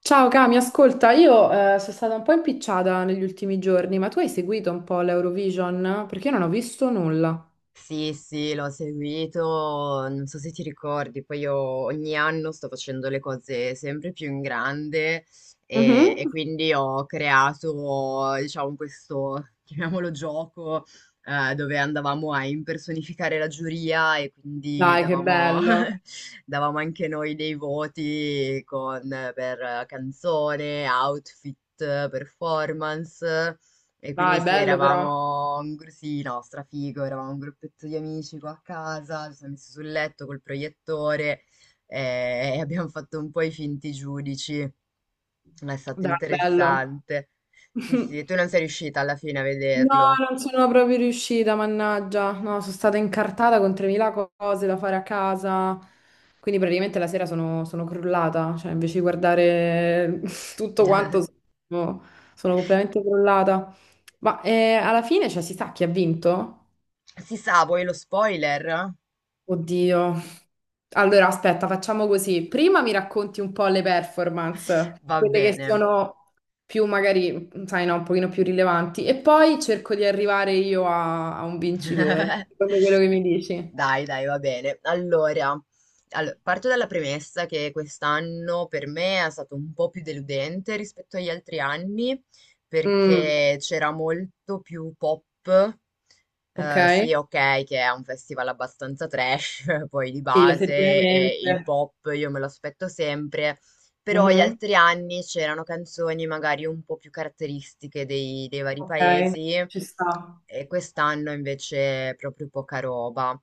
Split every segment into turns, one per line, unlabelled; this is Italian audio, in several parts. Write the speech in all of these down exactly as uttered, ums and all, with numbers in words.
Ciao Cami, ascolta, io eh, sono stata un po' impicciata negli ultimi giorni, ma tu hai seguito un po' l'Eurovision? Perché io non ho visto nulla.
Sì, sì, l'ho seguito, non so se ti ricordi, poi io ogni anno sto facendo le cose sempre più in grande e,
Mhm.
e quindi ho creato, diciamo, questo, chiamiamolo gioco, eh, dove andavamo a impersonificare la giuria e quindi
Dai, che
davamo,
bello.
davamo anche noi dei voti con- per canzone, outfit, performance. E quindi
Dai,
sì,
bello però.
eravamo un gru- sì, no, strafigo, eravamo un gruppetto di amici qua a casa, ci siamo messi sul letto col proiettore, eh, e abbiamo fatto un po' i finti giudici. Ma È stato
Dai, bello.
interessante. Sì, sì, tu non sei riuscita alla fine a
No,
vederlo.
non sono proprio riuscita, mannaggia. No, sono stata incartata con tremila cose da fare a casa. Quindi praticamente la sera sono, sono crollata. Cioè, invece di guardare tutto quanto, sono, sono completamente crollata. Ma eh, alla fine, cioè, si sa chi ha vinto?
Si sa, vuoi lo spoiler?
Oddio. Allora, aspetta, facciamo così. Prima mi racconti un po' le performance,
Va
quelle che
bene.
sono più magari, sai, no, un pochino più rilevanti, e poi cerco di arrivare io a, a un vincitore, secondo quello che mi dici.
Dai, dai, va bene. Allora, allo- parto dalla premessa che quest'anno per me è stato un po' più deludente rispetto agli altri anni,
Mm,
perché c'era molto più pop.
ok,
Eh, sì, ok, che è un festival abbastanza trash, poi di
sì,
base, e il
effettivamente.
pop io me lo aspetto sempre, però gli
Mhm,
altri anni c'erano canzoni magari un po' più caratteristiche dei dei vari
ok,
paesi.
ci sta.
E quest'anno invece proprio poca roba,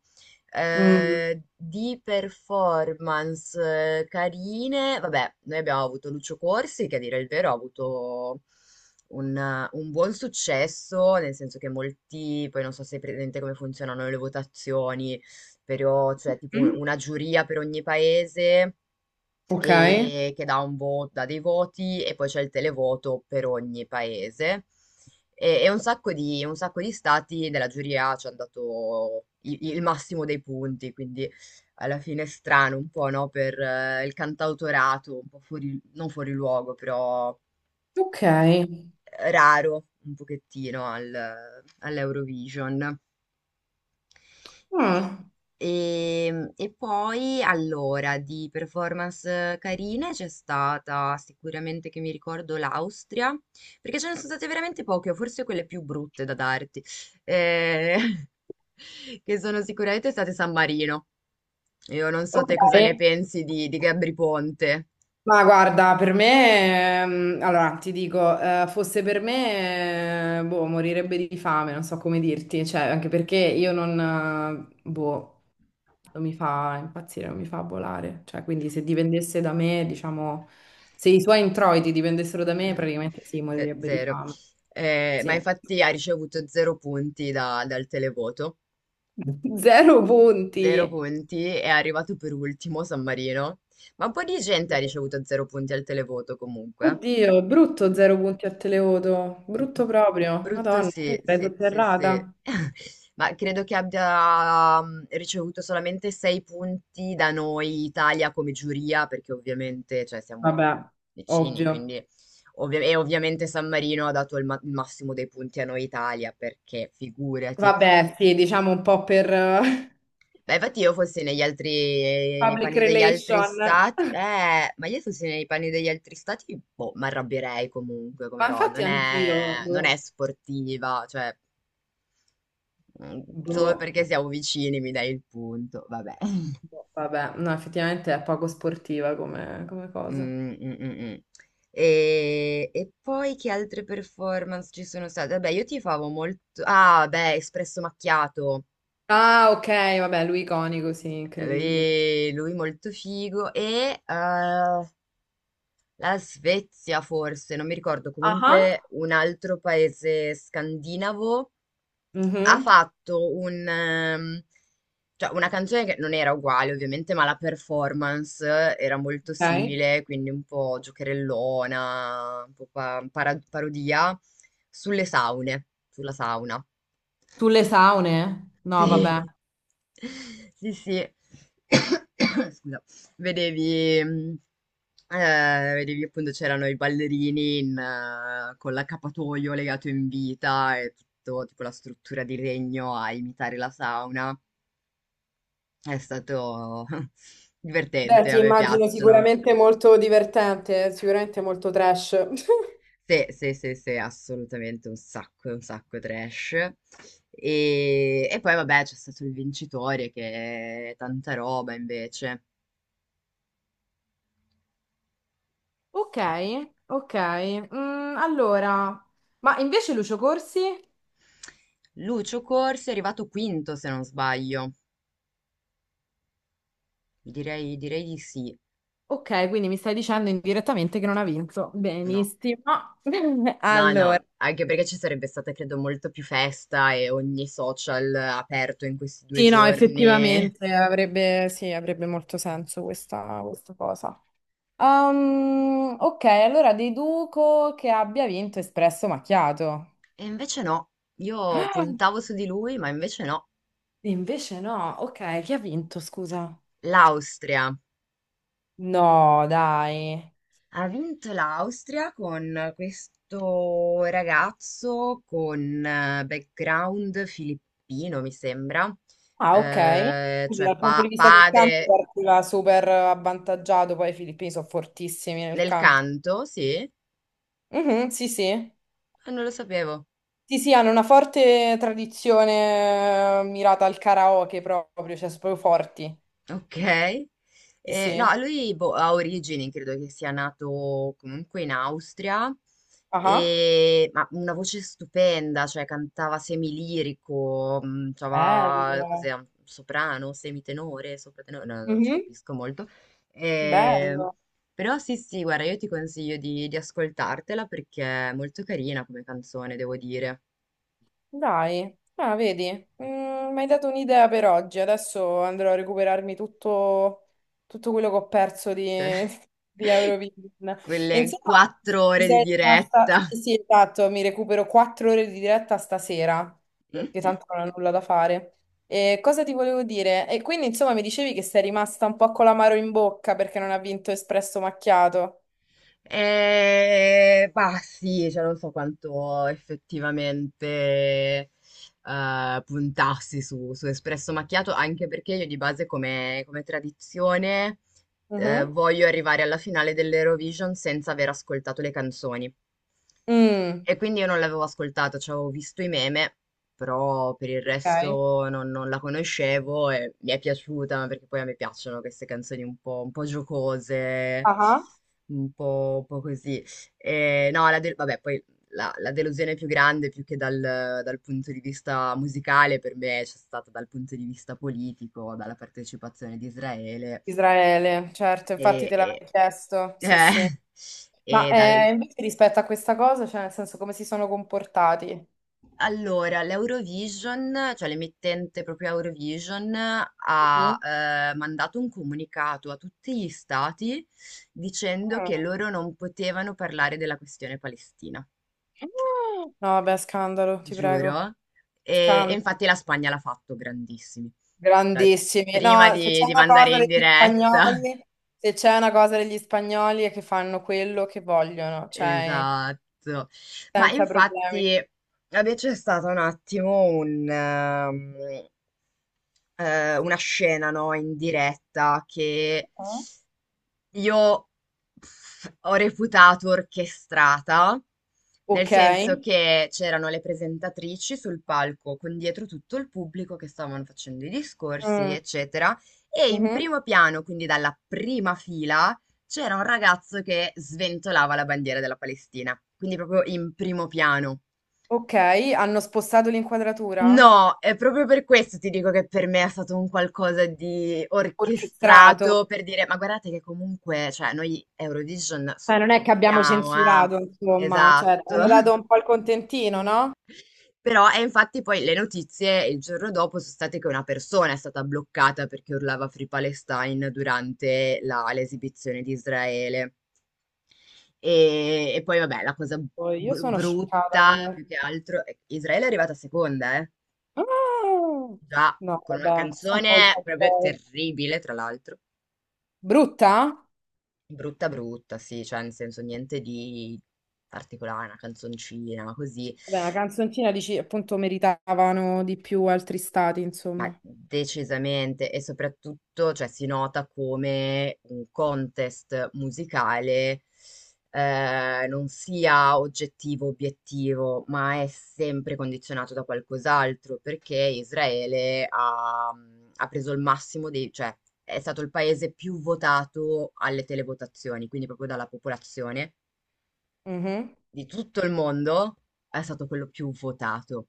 Mm,
eh, di performance eh, carine. Vabbè, noi abbiamo avuto Lucio Corsi, che a dire il vero ha avuto un, eh, un buon successo, nel senso che molti, poi non so se è presente come funzionano le votazioni, però c'è tipo un-
mm,
una giuria per ogni paese
ok,
e che dà un voto, dà dei voti e poi c'è il televoto per ogni paese. E, e un sacco di, un sacco di stati della giuria ci hanno dato i- il massimo dei punti, quindi alla fine è strano un po', no? Per eh, il cantautorato, un po' fuori, non fuori luogo, però
ok.
raro un pochettino al- all'Eurovision.
Mm,
E, e poi allora di performance carine c'è stata sicuramente, che mi ricordo, l'Austria, perché ce ne sono state veramente poche, o forse quelle più brutte da darti, eh, che sono sicuramente state San Marino. Io non so te cosa ne
ok.
pensi di, di Gabri Ponte.
Ma guarda, per me, ehm, allora ti dico, eh, fosse per me, eh, boh, morirebbe di fame, non so come dirti, cioè, anche perché io non, eh, boh, non mi fa impazzire, non mi fa volare, cioè, quindi se dipendesse da me, diciamo, se i suoi introiti dipendessero da me,
Eh,
praticamente sì,
te-
morirebbe di
Zero.
fame,
Eh, ma
sì.
infatti ha ricevuto zero punti da- dal televoto.
Zero punti!
Zero punti, è arrivato per ultimo San Marino, ma un po' di gente ha ricevuto zero punti al televoto comunque.
Oddio, brutto zero punti a Televoto, brutto proprio,
Brutto
Madonna, io mi
sì,
sarei
sì, sì, sì.
sotterrata.
Ma credo che abbia, mm, ricevuto solamente sei punti da noi Italia come giuria, perché ovviamente, cioè, siamo
Vabbè,
vicini,
ovvio.
quindi... ovvia- e ovviamente San Marino ha dato il, ma- il massimo dei punti a noi Italia, perché figurati.
Vabbè, sì, diciamo un po' per eh,
Beh, infatti io fossi negli altri, nei
public
panni degli altri
relation. Ma
stati, eh, ma io fossi nei panni degli altri stati, boh, mi arrabbierei comunque come Ro,
infatti
non
anch'io,
è, non è
boh,
sportiva, cioè, mm,
boh,
solo perché siamo vicini mi dai il punto, vabbè.
boh, vabbè, no, effettivamente è poco sportiva come, come cosa.
Mm, mm, mm, mm. E, e poi che altre performance ci sono state? Vabbè, io tifavo molto, ah, beh, Espresso Macchiato,
Ah, ok, vabbè, lui iconico, sì, incredibile.
lui, lui molto figo e... eh, la Svezia forse, non mi ricordo,
Ah,
comunque un altro paese scandinavo ha
mhm,
fatto un, ehm, cioè una canzone che non era uguale ovviamente, ma la performance era molto
ok.
simile, quindi un po' giocherellona, un po' pa- para- parodia sulle saune, sulla sauna.
Sulle saune? No, vabbè.
Sì, sì, sì. Scusa. Vedevi, mh, eh, vedevi appunto c'erano i ballerini in, eh, con l'accappatoio legato in vita e tutto, tipo la struttura di legno a imitare la sauna. È stato
Beh,
divertente,
ti
a me
immagino
piacciono.
sicuramente molto divertente, sicuramente molto trash.
Sì, sì, sì, sì, assolutamente un sacco, un sacco trash. E, e poi vabbè c'è stato il vincitore, che è tanta roba invece.
Ok, ok. Mm, allora, ma invece Lucio Corsi?
Lucio Corsi è arrivato quinto, se non sbaglio. Direi, direi di sì.
Ok, quindi mi stai dicendo indirettamente che non ha vinto.
No.
Benissimo.
No,
Allora,
no, anche perché ci sarebbe stata, credo, molto più festa e ogni social aperto in questi due
sì, no,
giorni. E
effettivamente avrebbe, sì, avrebbe molto senso questa, questa cosa. Um, ok, allora deduco che abbia vinto Espresso Macchiato.
invece no, io
Ah,
puntavo su di lui, ma invece no.
invece no, ok, chi ha vinto, scusa?
L'Austria.
No, dai.
Ha vinto l'Austria con questo ragazzo con eh, background filippino, mi sembra.
Ah, ok.
Eh,
Quindi
cioè
dal punto di
pa-
vista del canto
padre.
partiva super avvantaggiato, poi i filippini sono fortissimi nel
Nel
canto.
canto, sì?
Mhm, sì, sì.
Ah, non lo sapevo.
Sì, sì, hanno una forte tradizione eh, mirata al karaoke proprio, cioè sono proprio forti.
Ok.
Sì,
Eh, no,
sì.
lui boh, ha origini, credo che sia nato comunque in Austria,
Ah, ah.
e- ma una voce stupenda, cioè cantava semilirico, mh, cioè,
Bello.
cos'è, un soprano, semitenore, sopratenore, no, non ci
Mhm,
capisco molto. Eh,
bello.
però sì, sì, guarda, io ti consiglio di, di ascoltartela, perché è molto carina come canzone, devo dire.
Dai, ah, vedi, mm, mi hai dato un'idea per oggi. Adesso andrò a recuperarmi tutto, tutto quello che ho perso di, di Eurovision. E
Quelle
insomma,
quattro
ti
ore di
sei rimasta...
diretta.
Sì, sì, esatto, mi recupero quattro ore di diretta stasera, che tanto non ho nulla da fare. E cosa ti volevo dire? E quindi, insomma, mi dicevi che sei rimasta un po' con l'amaro in bocca perché non ha vinto Espresso Macchiato.
E bah, sì, cioè non so quanto effettivamente eh, puntassi su, su Espresso Macchiato, anche perché io di base, come, come tradizione, eh,
Mhm.
voglio arrivare alla finale dell'Eurovision senza aver ascoltato le canzoni.
Mm,
E quindi io non l'avevo ascoltata, cioè avevo visto i meme, però per il
ok.
resto non, non la conoscevo e mi è piaciuta, ma perché poi a me piacciono queste canzoni un po', un po' giocose,
Ah.
un po', un po' così. E no, la del- vabbè, poi la, la delusione più grande, più che dal, dal punto di vista musicale, per me c'è stata dal punto di vista politico, dalla partecipazione di Israele
Israele, certo, infatti
e,
te l'avevo
e-
chiesto,
eh,
sì, sì. Ma
e dal,
eh, invece rispetto a questa cosa, cioè nel senso come si sono comportati?
allora, l'Eurovision, cioè l'emittente proprio Eurovision, ha
Mhm.
eh, mandato un comunicato a tutti gli stati dicendo che
Ah.
loro non potevano parlare della questione Palestina,
No, vabbè, scandalo, ti prego.
giuro. E, e
Scandalo.
infatti la Spagna l'ha fatto, grandissimi, cioè
Grandissimi.
prima
No, se
di,
c'è
di
una
mandare
cosa
in
degli
diretta.
spagnoli, se c'è una cosa degli spagnoli è che fanno quello che vogliono, cioè
Esatto. Ma
senza problemi.
infatti, vabbè, c'è stato un attimo un, ehm, eh, una scena, no, in diretta che
Ah.
io, pff, ho reputato orchestrata, nel
Ok.
senso che c'erano le presentatrici sul palco con dietro tutto il pubblico che stavano facendo i discorsi,
Mm.
eccetera, e in
Mhm.
primo piano, quindi dalla prima fila, c'era un ragazzo che sventolava la bandiera della Palestina, quindi proprio in primo piano.
Ok, hanno spostato l'inquadratura?
No, è proprio per questo ti dico che per me è stato un qualcosa di
Orchestrato.
orchestrato, per dire, ma guardate che comunque, cioè, noi Eurovision
Cioè, non è che abbiamo
supportiamo, eh?
censurato, insomma, cioè,
Esatto.
abbiamo dato un po' il contentino, no?
Però, e infatti poi le notizie il giorno dopo sono state che una persona è stata bloccata perché urlava Free Palestine durante la- l'esibizione di Israele. E, e poi, vabbè, la cosa
Poi io
br-
sono scioccata
brutta
comunque.
più che altro, è che Israele è arrivata seconda, eh.
Ah!
Già,
No,
con una
vabbè, questa è un po' il
canzone proprio
colpo.
terribile, tra l'altro.
Brutta?
Brutta brutta, sì, cioè nel senso niente di particolare, una canzoncina, così.
Vabbè, la canzoncina dici, appunto, meritavano di più altri stati,
Ma
insomma.
decisamente, e soprattutto, cioè, si nota come un contest musicale eh, non sia oggettivo, obiettivo, ma è sempre condizionato da qualcos'altro, perché Israele ha, ha preso il massimo dei, cioè, è stato il paese più votato alle televotazioni, quindi proprio dalla popolazione
Mhm.
di tutto il mondo è stato quello più votato.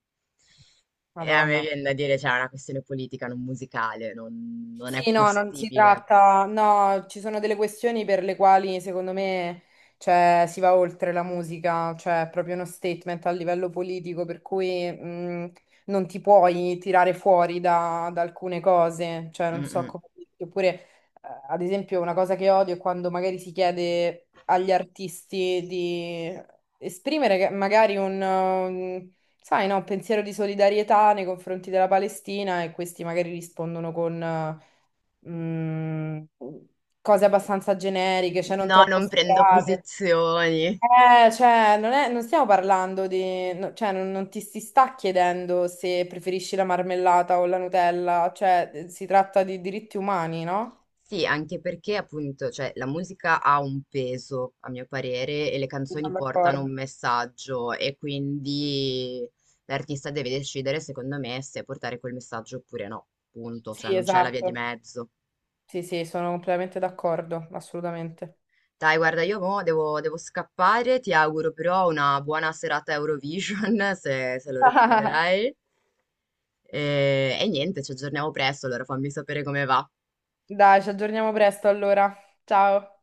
E a me
Madonna.
viene da dire, c'è una questione politica, non musicale, non, non è
Sì, no, non si
possibile.
tratta, no, ci sono delle questioni per le quali secondo me, cioè, si va oltre la musica, cioè è proprio uno statement a livello politico, per cui mh, non ti puoi tirare fuori da, da alcune cose, cioè non so
Mm-mm.
come dirti. Oppure eh, ad esempio una cosa che odio è quando magari si chiede agli artisti di esprimere che- magari un, um, sai, no, un pensiero di solidarietà nei confronti della Palestina e questi magari rispondono con mm, cose abbastanza generiche, cioè non
No,
troppo
non prendo
spiegate.
posizioni.
Eh, cioè, non è- non stiamo parlando di... no- cioè, non, non ti si sta chiedendo se preferisci la marmellata o la Nutella, cioè, eh, si tratta di diritti umani, no?
Sì, anche perché appunto, cioè, la musica ha un peso, a mio parere, e le
Mi sono
canzoni portano
d'accordo.
un messaggio, e quindi l'artista deve decidere, secondo me, se portare quel messaggio oppure no. Punto, cioè
Sì,
non c'è la via di
esatto.
mezzo.
Sì, sì, sono completamente d'accordo, assolutamente.
Dai, guarda, io mo devo, devo scappare, ti auguro però una buona serata Eurovision, se, se lo recupererai. E, e niente, ci aggiorniamo presto, allora fammi sapere come va.
Dai, ci aggiorniamo presto allora. Ciao.